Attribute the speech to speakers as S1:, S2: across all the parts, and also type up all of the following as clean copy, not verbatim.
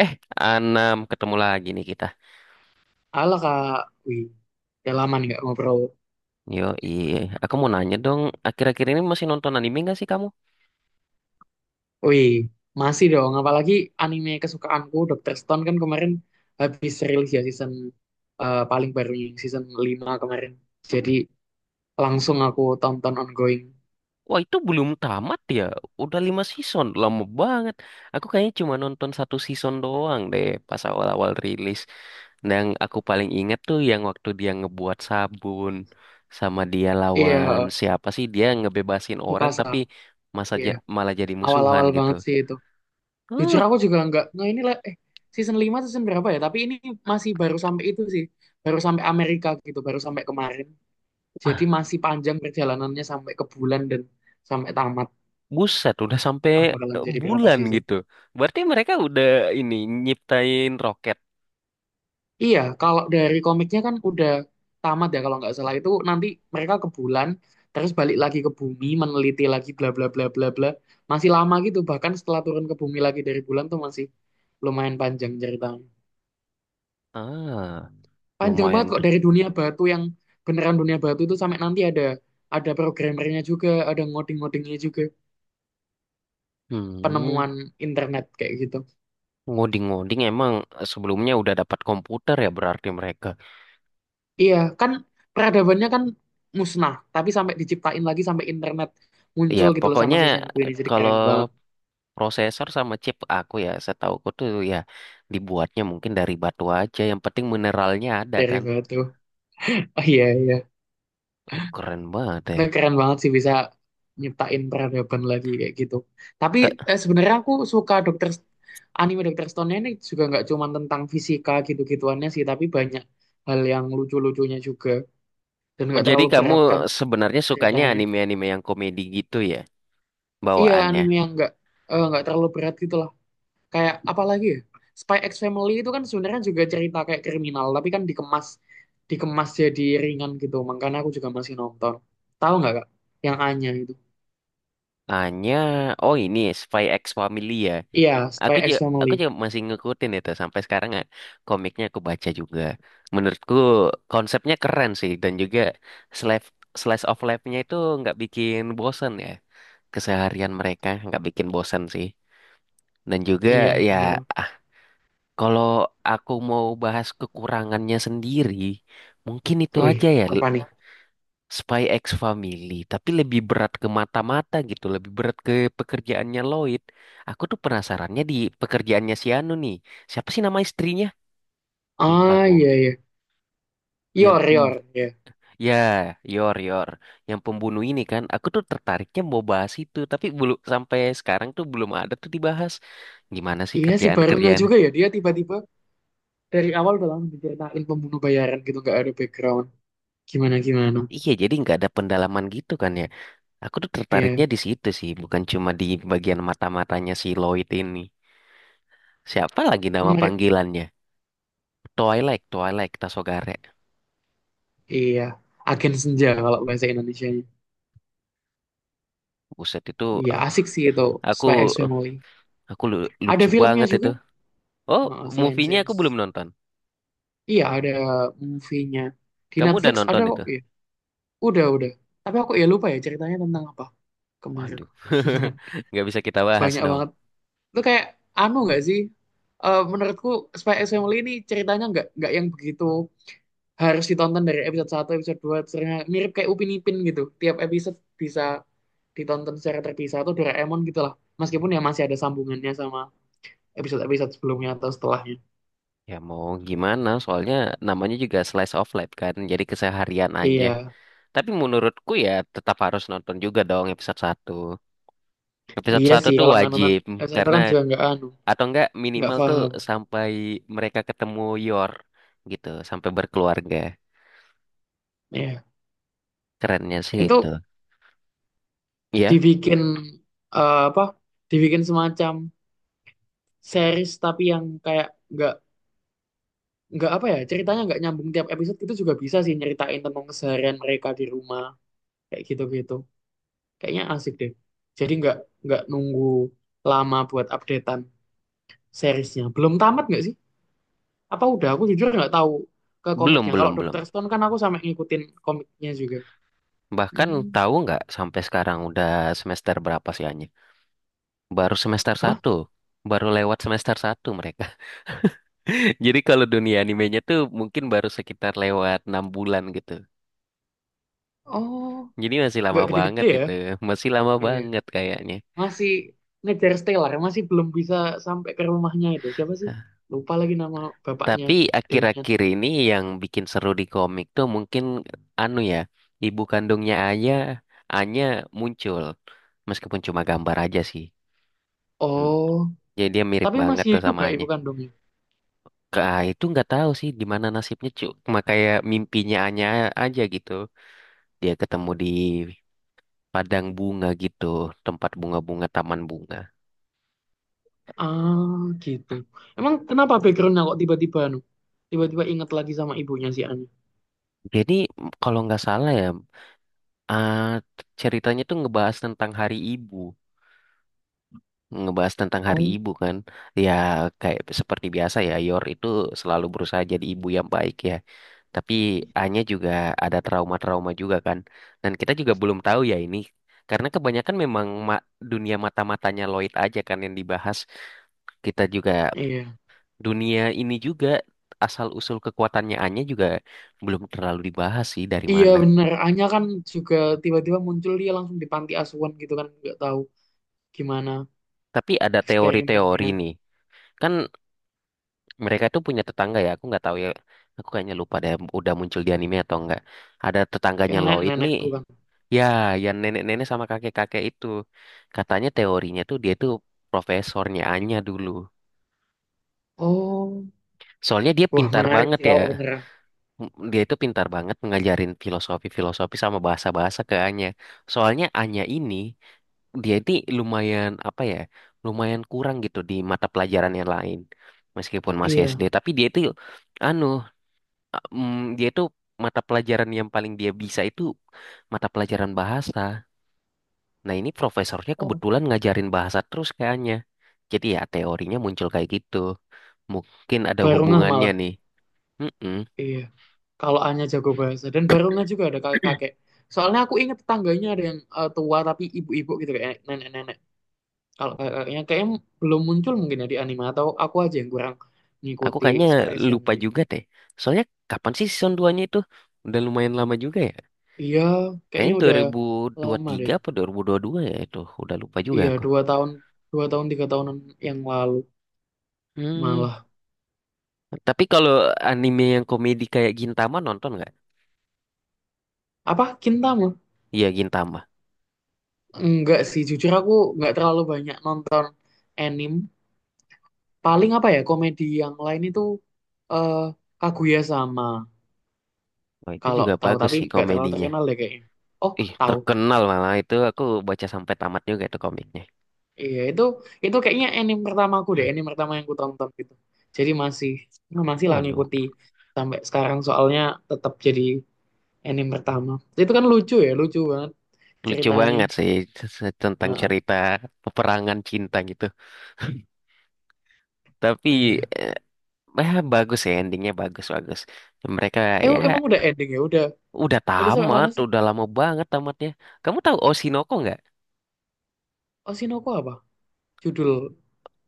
S1: Eh, Anam, ketemu lagi nih kita.
S2: Halo Kak, wih, udah lama nih nggak ngobrol.
S1: Yo, iya. Aku mau nanya dong, akhir-akhir ini masih nonton anime gak sih kamu?
S2: Wih, masih dong, apalagi anime kesukaanku, Dr. Stone kan kemarin habis rilis ya season paling barunya, season 5 kemarin. Jadi langsung aku tonton ongoing.
S1: Wah, itu belum tamat ya. Udah 5 season, lama banget. Aku kayaknya cuma nonton satu season doang deh pas awal-awal rilis. Dan aku paling inget tuh yang waktu dia ngebuat sabun sama dia lawan
S2: Iya,
S1: siapa sih? Dia ngebebasin orang
S2: Mikasa,
S1: tapi
S2: iya.
S1: malah jadi musuhan
S2: Awal-awal
S1: gitu.
S2: banget sih itu. Jujur
S1: Uh,
S2: aku juga nggak ini lah, season 5 season berapa ya? Tapi ini masih baru sampai itu sih, baru sampai Amerika gitu, baru sampai kemarin. Jadi masih panjang perjalanannya sampai ke bulan dan sampai tamat.
S1: Buset, udah sampai
S2: Bakalan
S1: eh,
S2: jadi berapa
S1: bulan
S2: season?
S1: gitu. Berarti mereka udah ini nyiptain roket.
S2: Iya, kalau dari komiknya kan udah tamat ya, kalau nggak salah itu nanti mereka ke bulan terus balik lagi ke bumi meneliti lagi bla bla bla bla bla, masih lama gitu. Bahkan setelah turun ke bumi lagi dari bulan tuh masih lumayan panjang ceritanya,
S1: Ah,
S2: panjang banget
S1: lumayan.
S2: kok, dari dunia batu yang beneran dunia batu itu sampai nanti ada programmernya juga, ada ngoding-ngodingnya juga,
S1: Hmm,
S2: penemuan internet kayak gitu.
S1: ngoding-ngoding emang sebelumnya udah dapat komputer ya berarti mereka.
S2: Iya, kan peradabannya kan musnah, tapi sampai diciptain lagi sampai internet
S1: Ya,
S2: muncul gitu loh sama
S1: pokoknya
S2: si Sengoku ini. Jadi
S1: kalau
S2: keren banget
S1: prosesor sama chip aku ya, setauku tuh ya dibuatnya mungkin dari batu aja. Yang penting mineralnya ada
S2: dari
S1: kan.
S2: batu. Oh iya iya,
S1: Keren banget ya.
S2: itu keren banget sih bisa nyiptain peradaban lagi kayak gitu. Tapi
S1: Te-
S2: sebenarnya aku suka anime dokter Stone ini juga nggak cuma tentang fisika gitu-gituannya sih, tapi banyak hal yang lucu-lucunya juga, dan nggak
S1: Jadi
S2: terlalu
S1: kamu
S2: berat kan
S1: sebenarnya sukanya
S2: ceritanya.
S1: anime-anime yang komedi gitu ya
S2: Iya,
S1: bawaannya?
S2: anime yang nggak terlalu berat gitu lah. Kayak apalagi ya? Spy X Family itu kan sebenarnya juga cerita kayak kriminal, tapi kan dikemas dikemas jadi ringan gitu. Makanya aku juga masih nonton. Tahu nggak Kak? Yang Anya itu.
S1: Hanya, oh ini Spy X Family ya.
S2: Iya, Spy
S1: Aku
S2: X
S1: juga,
S2: Family.
S1: aku juga masih ngikutin itu sampai sekarang ya. Komiknya aku baca juga. Menurutku konsepnya keren sih dan juga slash slice of life-nya itu nggak bikin bosan ya. Keseharian mereka nggak bikin bosan sih. Dan juga
S2: Iya,
S1: ya,
S2: bener.
S1: ah, kalau aku mau bahas kekurangannya sendiri, mungkin itu
S2: Wih,
S1: aja ya.
S2: apa nih?
S1: Spy X Family, tapi lebih berat ke mata-mata gitu, lebih berat ke pekerjaannya Lloyd. Aku tuh penasarannya di pekerjaannya si Anu nih. Siapa sih nama istrinya? Lupa
S2: Ah,
S1: aku.
S2: iya, iya.
S1: Yang
S2: Yor,
S1: pem
S2: Yor, ya.
S1: ya, Yor Yor, yang pembunuh ini kan. Aku tuh tertariknya mau bahas itu, tapi belum sampai sekarang tuh belum ada tuh dibahas. Gimana sih
S2: Iya sih, baru nggak
S1: kerjaan-kerjaan?
S2: juga ya. Dia tiba-tiba dari awal udah langsung diceritain pembunuh bayaran gitu. Nggak ada background. Gimana-gimana.
S1: Iya, jadi nggak ada pendalaman gitu kan ya. Aku tuh tertariknya
S2: Iya.
S1: di situ sih, bukan cuma di bagian mata-matanya si Lloyd ini. Siapa lagi nama
S2: Nomor-
S1: panggilannya? Twilight, Twilight, Tasogare.
S2: Iya. Agen Senja kalau bahasa Indonesia.
S1: Buset itu
S2: Iya, asik sih itu. Spy X
S1: aku
S2: Family.
S1: aku
S2: Ada
S1: lucu
S2: filmnya
S1: banget itu.
S2: juga.
S1: Oh,
S2: Heeh, selain
S1: movie-nya aku
S2: series.
S1: belum nonton.
S2: Iya, ada movie-nya, di
S1: Kamu udah
S2: Netflix ada
S1: nonton
S2: kok.
S1: itu?
S2: Iya. Udah udah. Tapi aku ya lupa ya ceritanya tentang apa kemarin.
S1: Waduh. Nggak bisa kita bahas
S2: Banyak
S1: dong.
S2: banget. Itu kayak anu nggak sih? Menurutku Spy X Family ini ceritanya nggak yang begitu harus ditonton dari episode 1 episode 2, ceritanya mirip kayak Upin Ipin gitu. Tiap episode bisa ditonton secara terpisah atau Doraemon gitu lah. Meskipun ya masih ada sambungannya sama episode-episode sebelumnya atau setelahnya.
S1: Ya mau gimana, soalnya namanya juga slice of life kan, jadi keseharian aja.
S2: Iya.
S1: Tapi menurutku ya tetap harus nonton juga dong episode satu. Episode
S2: Iya
S1: satu
S2: sih,
S1: tuh
S2: kalau nggak nonton
S1: wajib,
S2: S1
S1: karena
S2: kan juga nggak anu,
S1: atau enggak
S2: nggak
S1: minimal tuh
S2: paham.
S1: sampai mereka ketemu Yor gitu, sampai berkeluarga.
S2: Ya,
S1: Kerennya sih
S2: itu
S1: itu. Iya.
S2: dibikin apa? Dibikin semacam series tapi yang kayak nggak nggak apa ya, ceritanya nggak nyambung tiap episode, itu juga bisa sih nyeritain tentang keseharian mereka di rumah kayak gitu-gitu. Kayaknya asik deh. Jadi nggak nunggu lama buat updatean seriesnya. Belum tamat nggak sih? Apa udah? Aku jujur nggak tahu ke
S1: Belum,
S2: komiknya. Kalau
S1: belum, belum.
S2: Dr. Stone kan aku sampai ngikutin komiknya juga.
S1: Bahkan
S2: Hmm.
S1: tahu nggak sampai sekarang udah semester berapa sih Anya? Baru semester
S2: Hah?
S1: satu. Baru lewat semester satu mereka. Jadi kalau dunia animenya tuh mungkin baru sekitar lewat 6 bulan gitu.
S2: Oh.
S1: Jadi masih lama
S2: Nggak gede-gede
S1: banget
S2: ya.
S1: itu. Masih lama
S2: Iya.
S1: banget kayaknya.
S2: Masih ngejar Stellar, masih belum bisa sampai ke rumahnya itu. Siapa sih?
S1: Hah.
S2: Lupa lagi nama bapaknya,
S1: Tapi
S2: Demian.
S1: akhir-akhir ini yang bikin seru di komik tuh mungkin anu ya, ibu kandungnya Anya, Anya muncul. Meskipun cuma gambar aja sih. Hmm.
S2: Oh,
S1: Jadi dia mirip
S2: tapi
S1: banget
S2: masih
S1: tuh
S2: hidup
S1: sama
S2: nggak
S1: Anya.
S2: ibu kandungnya?
S1: Kak, itu nggak tahu sih di mana nasibnya cuma kayak mimpinya Anya aja gitu dia ketemu di padang bunga gitu tempat bunga-bunga taman bunga
S2: Ah, gitu. Emang kenapa backgroundnya kok tiba-tiba anu? Tiba-tiba inget lagi sama ibunya si Anya.
S1: jadi kalau nggak salah ya ah, ceritanya tuh ngebahas tentang Hari Ibu ngebahas tentang Hari
S2: Oh,
S1: Ibu kan. Ya kayak seperti biasa ya, Yor itu selalu berusaha jadi ibu yang baik ya. Tapi Anya juga ada trauma-trauma juga kan. Dan kita juga belum tahu ya ini. Karena kebanyakan memang dunia mata-matanya Lloyd aja kan yang dibahas. Kita juga
S2: iya.
S1: dunia ini juga asal-usul kekuatannya Anya juga belum terlalu dibahas sih dari
S2: Iya
S1: mana.
S2: bener, Anya kan juga tiba-tiba muncul, dia langsung di panti asuhan gitu kan. Nggak tahu gimana
S1: Tapi ada teori-teori
S2: eksperimennya.
S1: nih. Kan mereka tuh punya tetangga ya aku nggak tahu ya aku kayaknya lupa deh udah muncul di anime atau enggak ada
S2: Yang
S1: tetangganya Lloyd
S2: nenek-nenek
S1: nih
S2: bukan?
S1: ya yang nenek-nenek sama kakek-kakek itu katanya teorinya tuh dia tuh profesornya Anya dulu
S2: Oh,
S1: soalnya dia
S2: wah
S1: pintar
S2: menarik
S1: banget
S2: sih
S1: ya
S2: kalau beneran.
S1: Dia itu pintar banget ngajarin filosofi-filosofi sama bahasa-bahasa ke Anya soalnya Anya ini dia ini lumayan apa ya lumayan kurang gitu di mata pelajaran yang lain meskipun masih SD
S2: Iya.
S1: tapi dia itu anu dia itu mata pelajaran yang paling dia bisa itu mata pelajaran bahasa. Nah, ini profesornya
S2: Oh,
S1: kebetulan ngajarin bahasa terus kayaknya. Jadi ya teorinya muncul kayak gitu. Mungkin ada
S2: Barungah
S1: hubungannya
S2: malah.
S1: nih. Mm-mm.
S2: Iya. Kalau Anya jago bahasa dan Barungah juga ada kakek-kakek. Soalnya aku ingat tetangganya ada yang tua tapi ibu-ibu gitu, kayak nenek-nenek. Kalau kakek-kakeknya kayaknya belum muncul mungkin ya di anime, atau aku aja yang kurang
S1: Aku
S2: ngikuti
S1: kayaknya
S2: Spy X
S1: lupa
S2: Family.
S1: juga deh. Soalnya kapan sih season 2-nya itu? Udah lumayan lama juga ya.
S2: Iya, kayaknya
S1: Kayaknya
S2: udah lama deh.
S1: 2023 apa 2022 ya itu. Udah lupa juga
S2: Iya,
S1: aku.
S2: 2 tahun, dua tahun 3 tahunan yang lalu
S1: Hmm.
S2: malah.
S1: Tapi kalau anime yang komedi kayak Gintama nonton nggak?
S2: Apa Kintama?
S1: Iya Gintama.
S2: Enggak sih, jujur aku nggak terlalu banyak nonton anime. Paling apa ya, komedi yang lain itu, eh Kaguya sama,
S1: Oh, itu
S2: kalau
S1: juga
S2: tahu,
S1: bagus
S2: tapi
S1: sih
S2: nggak terlalu
S1: komedinya.
S2: terkenal deh kayaknya. Oh,
S1: Ih,
S2: tahu.
S1: terkenal malah itu aku baca sampai tamat juga tuh komiknya.
S2: Iya, itu kayaknya anime pertamaku deh, anime pertama yang ku tonton gitu. Jadi masih masih lah
S1: Waduh,
S2: ngikuti sampai sekarang, soalnya tetap jadi anime pertama, itu kan lucu ya, lucu banget
S1: lucu
S2: ceritanya.
S1: banget sih tentang
S2: Heeh,
S1: cerita peperangan cinta gitu. Tapi
S2: iya.
S1: eh, bagus ya endingnya bagus-bagus. Mereka ya
S2: Emang udah ending ya, udah
S1: udah
S2: udah sampai
S1: tamat,
S2: mana sih?
S1: udah lama banget tamatnya. Kamu tahu Oshinoko nggak?
S2: Oshinoko apa judul?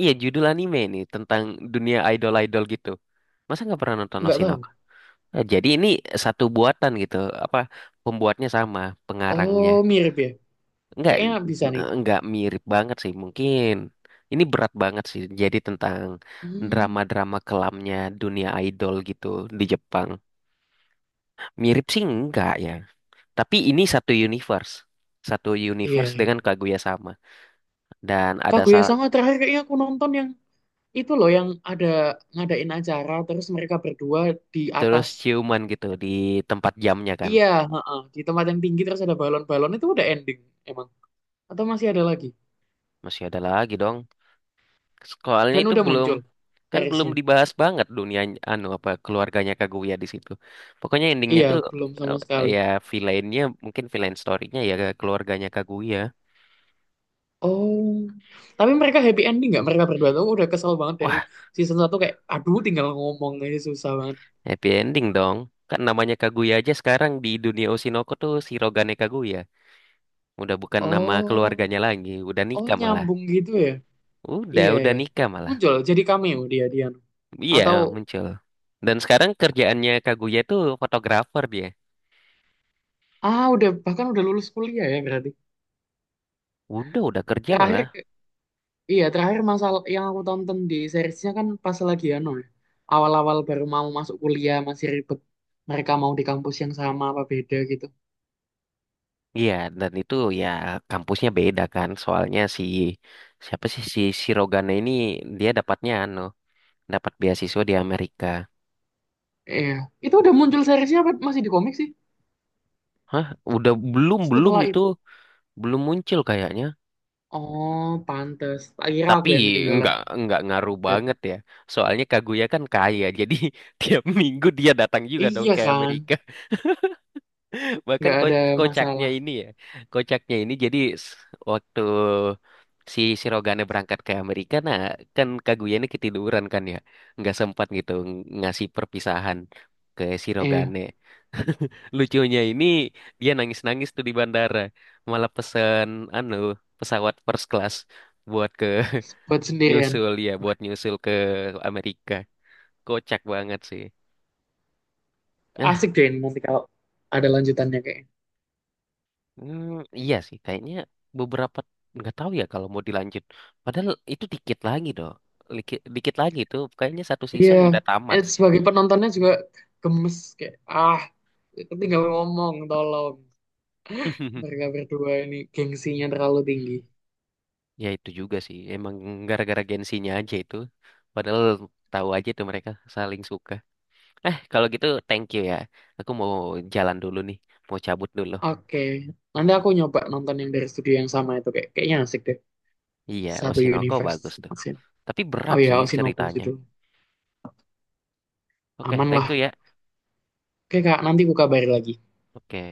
S1: Iya judul anime nih tentang dunia idol-idol gitu. Masa nggak pernah nonton
S2: Nggak tahu.
S1: Oshinoko? Jadi ini satu buatan gitu, apa pembuatnya sama, pengarangnya.
S2: Oh, mirip ya,
S1: Enggak,
S2: kayaknya bisa nih.
S1: enggak mirip banget sih. Mungkin ini berat banget sih. Jadi tentang
S2: Hmm,
S1: drama-drama kelamnya dunia idol gitu di Jepang. Mirip sih enggak ya. Tapi ini satu universe. Satu
S2: iya
S1: universe
S2: iya.
S1: dengan Kaguya sama. Dan ada
S2: Kaguya sama terakhir kayaknya aku nonton yang itu loh, yang ada ngadain acara terus mereka berdua di
S1: terus
S2: atas.
S1: ciuman gitu di tempat jamnya kan.
S2: Iya, heeh, di tempat yang tinggi terus ada balon-balon, itu udah ending emang atau masih ada lagi?
S1: Masih ada lagi dong. Soalnya
S2: Dan
S1: itu
S2: udah
S1: belum
S2: muncul
S1: kan belum
S2: seriesnya?
S1: dibahas banget dunia anu apa keluarganya Kaguya di situ. Pokoknya endingnya
S2: Iya,
S1: tuh
S2: belum sama sekali.
S1: ya villainnya mungkin villain story-nya ya keluarganya Kaguya.
S2: Oh, tapi mereka happy ending nggak? Mereka berdua tuh udah kesel banget dari
S1: Wah,
S2: season 1, kayak aduh, tinggal ngomong aja susah banget.
S1: happy ending dong. Kan namanya Kaguya aja sekarang di dunia Oshinoko tuh Shirogane Kaguya. Udah bukan nama
S2: Oh,
S1: keluarganya lagi, udah
S2: oh
S1: nikah malah.
S2: nyambung gitu ya.
S1: Udah,
S2: Iya
S1: udah
S2: ya,
S1: nikah malah.
S2: muncul jadi cameo, dia dia
S1: Iya,
S2: atau…
S1: muncul. Dan sekarang kerjaannya Kaguya tuh fotografer dia.
S2: Ah, udah, bahkan udah lulus kuliah ya berarti.
S1: Udah kerja
S2: Terakhir
S1: malah.
S2: ke- iya, terakhir masalah yang aku tonton di seriesnya kan pas lagi anu ya. Awal-awal baru mau masuk kuliah, masih ribet. Mereka mau di kampus yang sama apa beda gitu.
S1: Iya, dan itu ya kampusnya beda kan. Soalnya si siapa sih si Sirogane ini dia dapatnya anu, dapat beasiswa di Amerika.
S2: Iya, itu udah muncul seriesnya apa masih di komik sih
S1: Hah, udah belum belum
S2: setelah
S1: itu
S2: itu?
S1: belum muncul kayaknya.
S2: Oh, pantes. Tak kira aku
S1: Tapi
S2: yang ketinggalan
S1: nggak nggak ngaruh
S2: update.
S1: banget ya. Soalnya Kaguya kan kaya, jadi tiap minggu dia datang juga dong
S2: Iya
S1: ke
S2: kan?
S1: Amerika. Bahkan
S2: Nggak ada
S1: kocaknya
S2: masalah.
S1: ini ya kocaknya ini jadi s- waktu si Sirogane berangkat ke Amerika nah kan Kaguya ini ketiduran kan ya nggak sempat gitu ngasih perpisahan ke
S2: Iya,
S1: Sirogane lucunya ini dia nangis-nangis tuh di bandara malah pesen anu pesawat first class buat ke
S2: buat sendirian.
S1: nyusul ya buat nyusul ke Amerika kocak banget sih.
S2: Asik deh ini nanti kalau ada lanjutannya kayaknya.
S1: Hmm, iya sih, kayaknya beberapa nggak tahu ya kalau mau dilanjut. Padahal itu dikit lagi doh, dikit, dikit lagi tuh. Kayaknya satu
S2: Iya,
S1: season udah tamat sih.
S2: sebagai penontonnya juga gemes, kayak ah tinggal ngomong tolong, mereka berdua ini gengsinya terlalu tinggi.
S1: Ya itu juga sih, emang gara-gara gengsinya aja itu. Padahal tahu aja tuh mereka saling suka. Kalau gitu thank you ya. Aku mau jalan dulu nih, mau cabut dulu.
S2: Oke, nanti aku nyoba nonton yang dari studio yang sama itu, kayaknya asik deh.
S1: Iya,
S2: Satu
S1: Oshinoko bagus
S2: universe
S1: tuh.
S2: maksudnya.
S1: Tapi berat
S2: Oh iya,
S1: sih
S2: Osinoku
S1: ceritanya.
S2: judul.
S1: Oke,
S2: Aman
S1: thank
S2: lah.
S1: you ya.
S2: Oke Kak, nanti ku kabari lagi.
S1: Oke.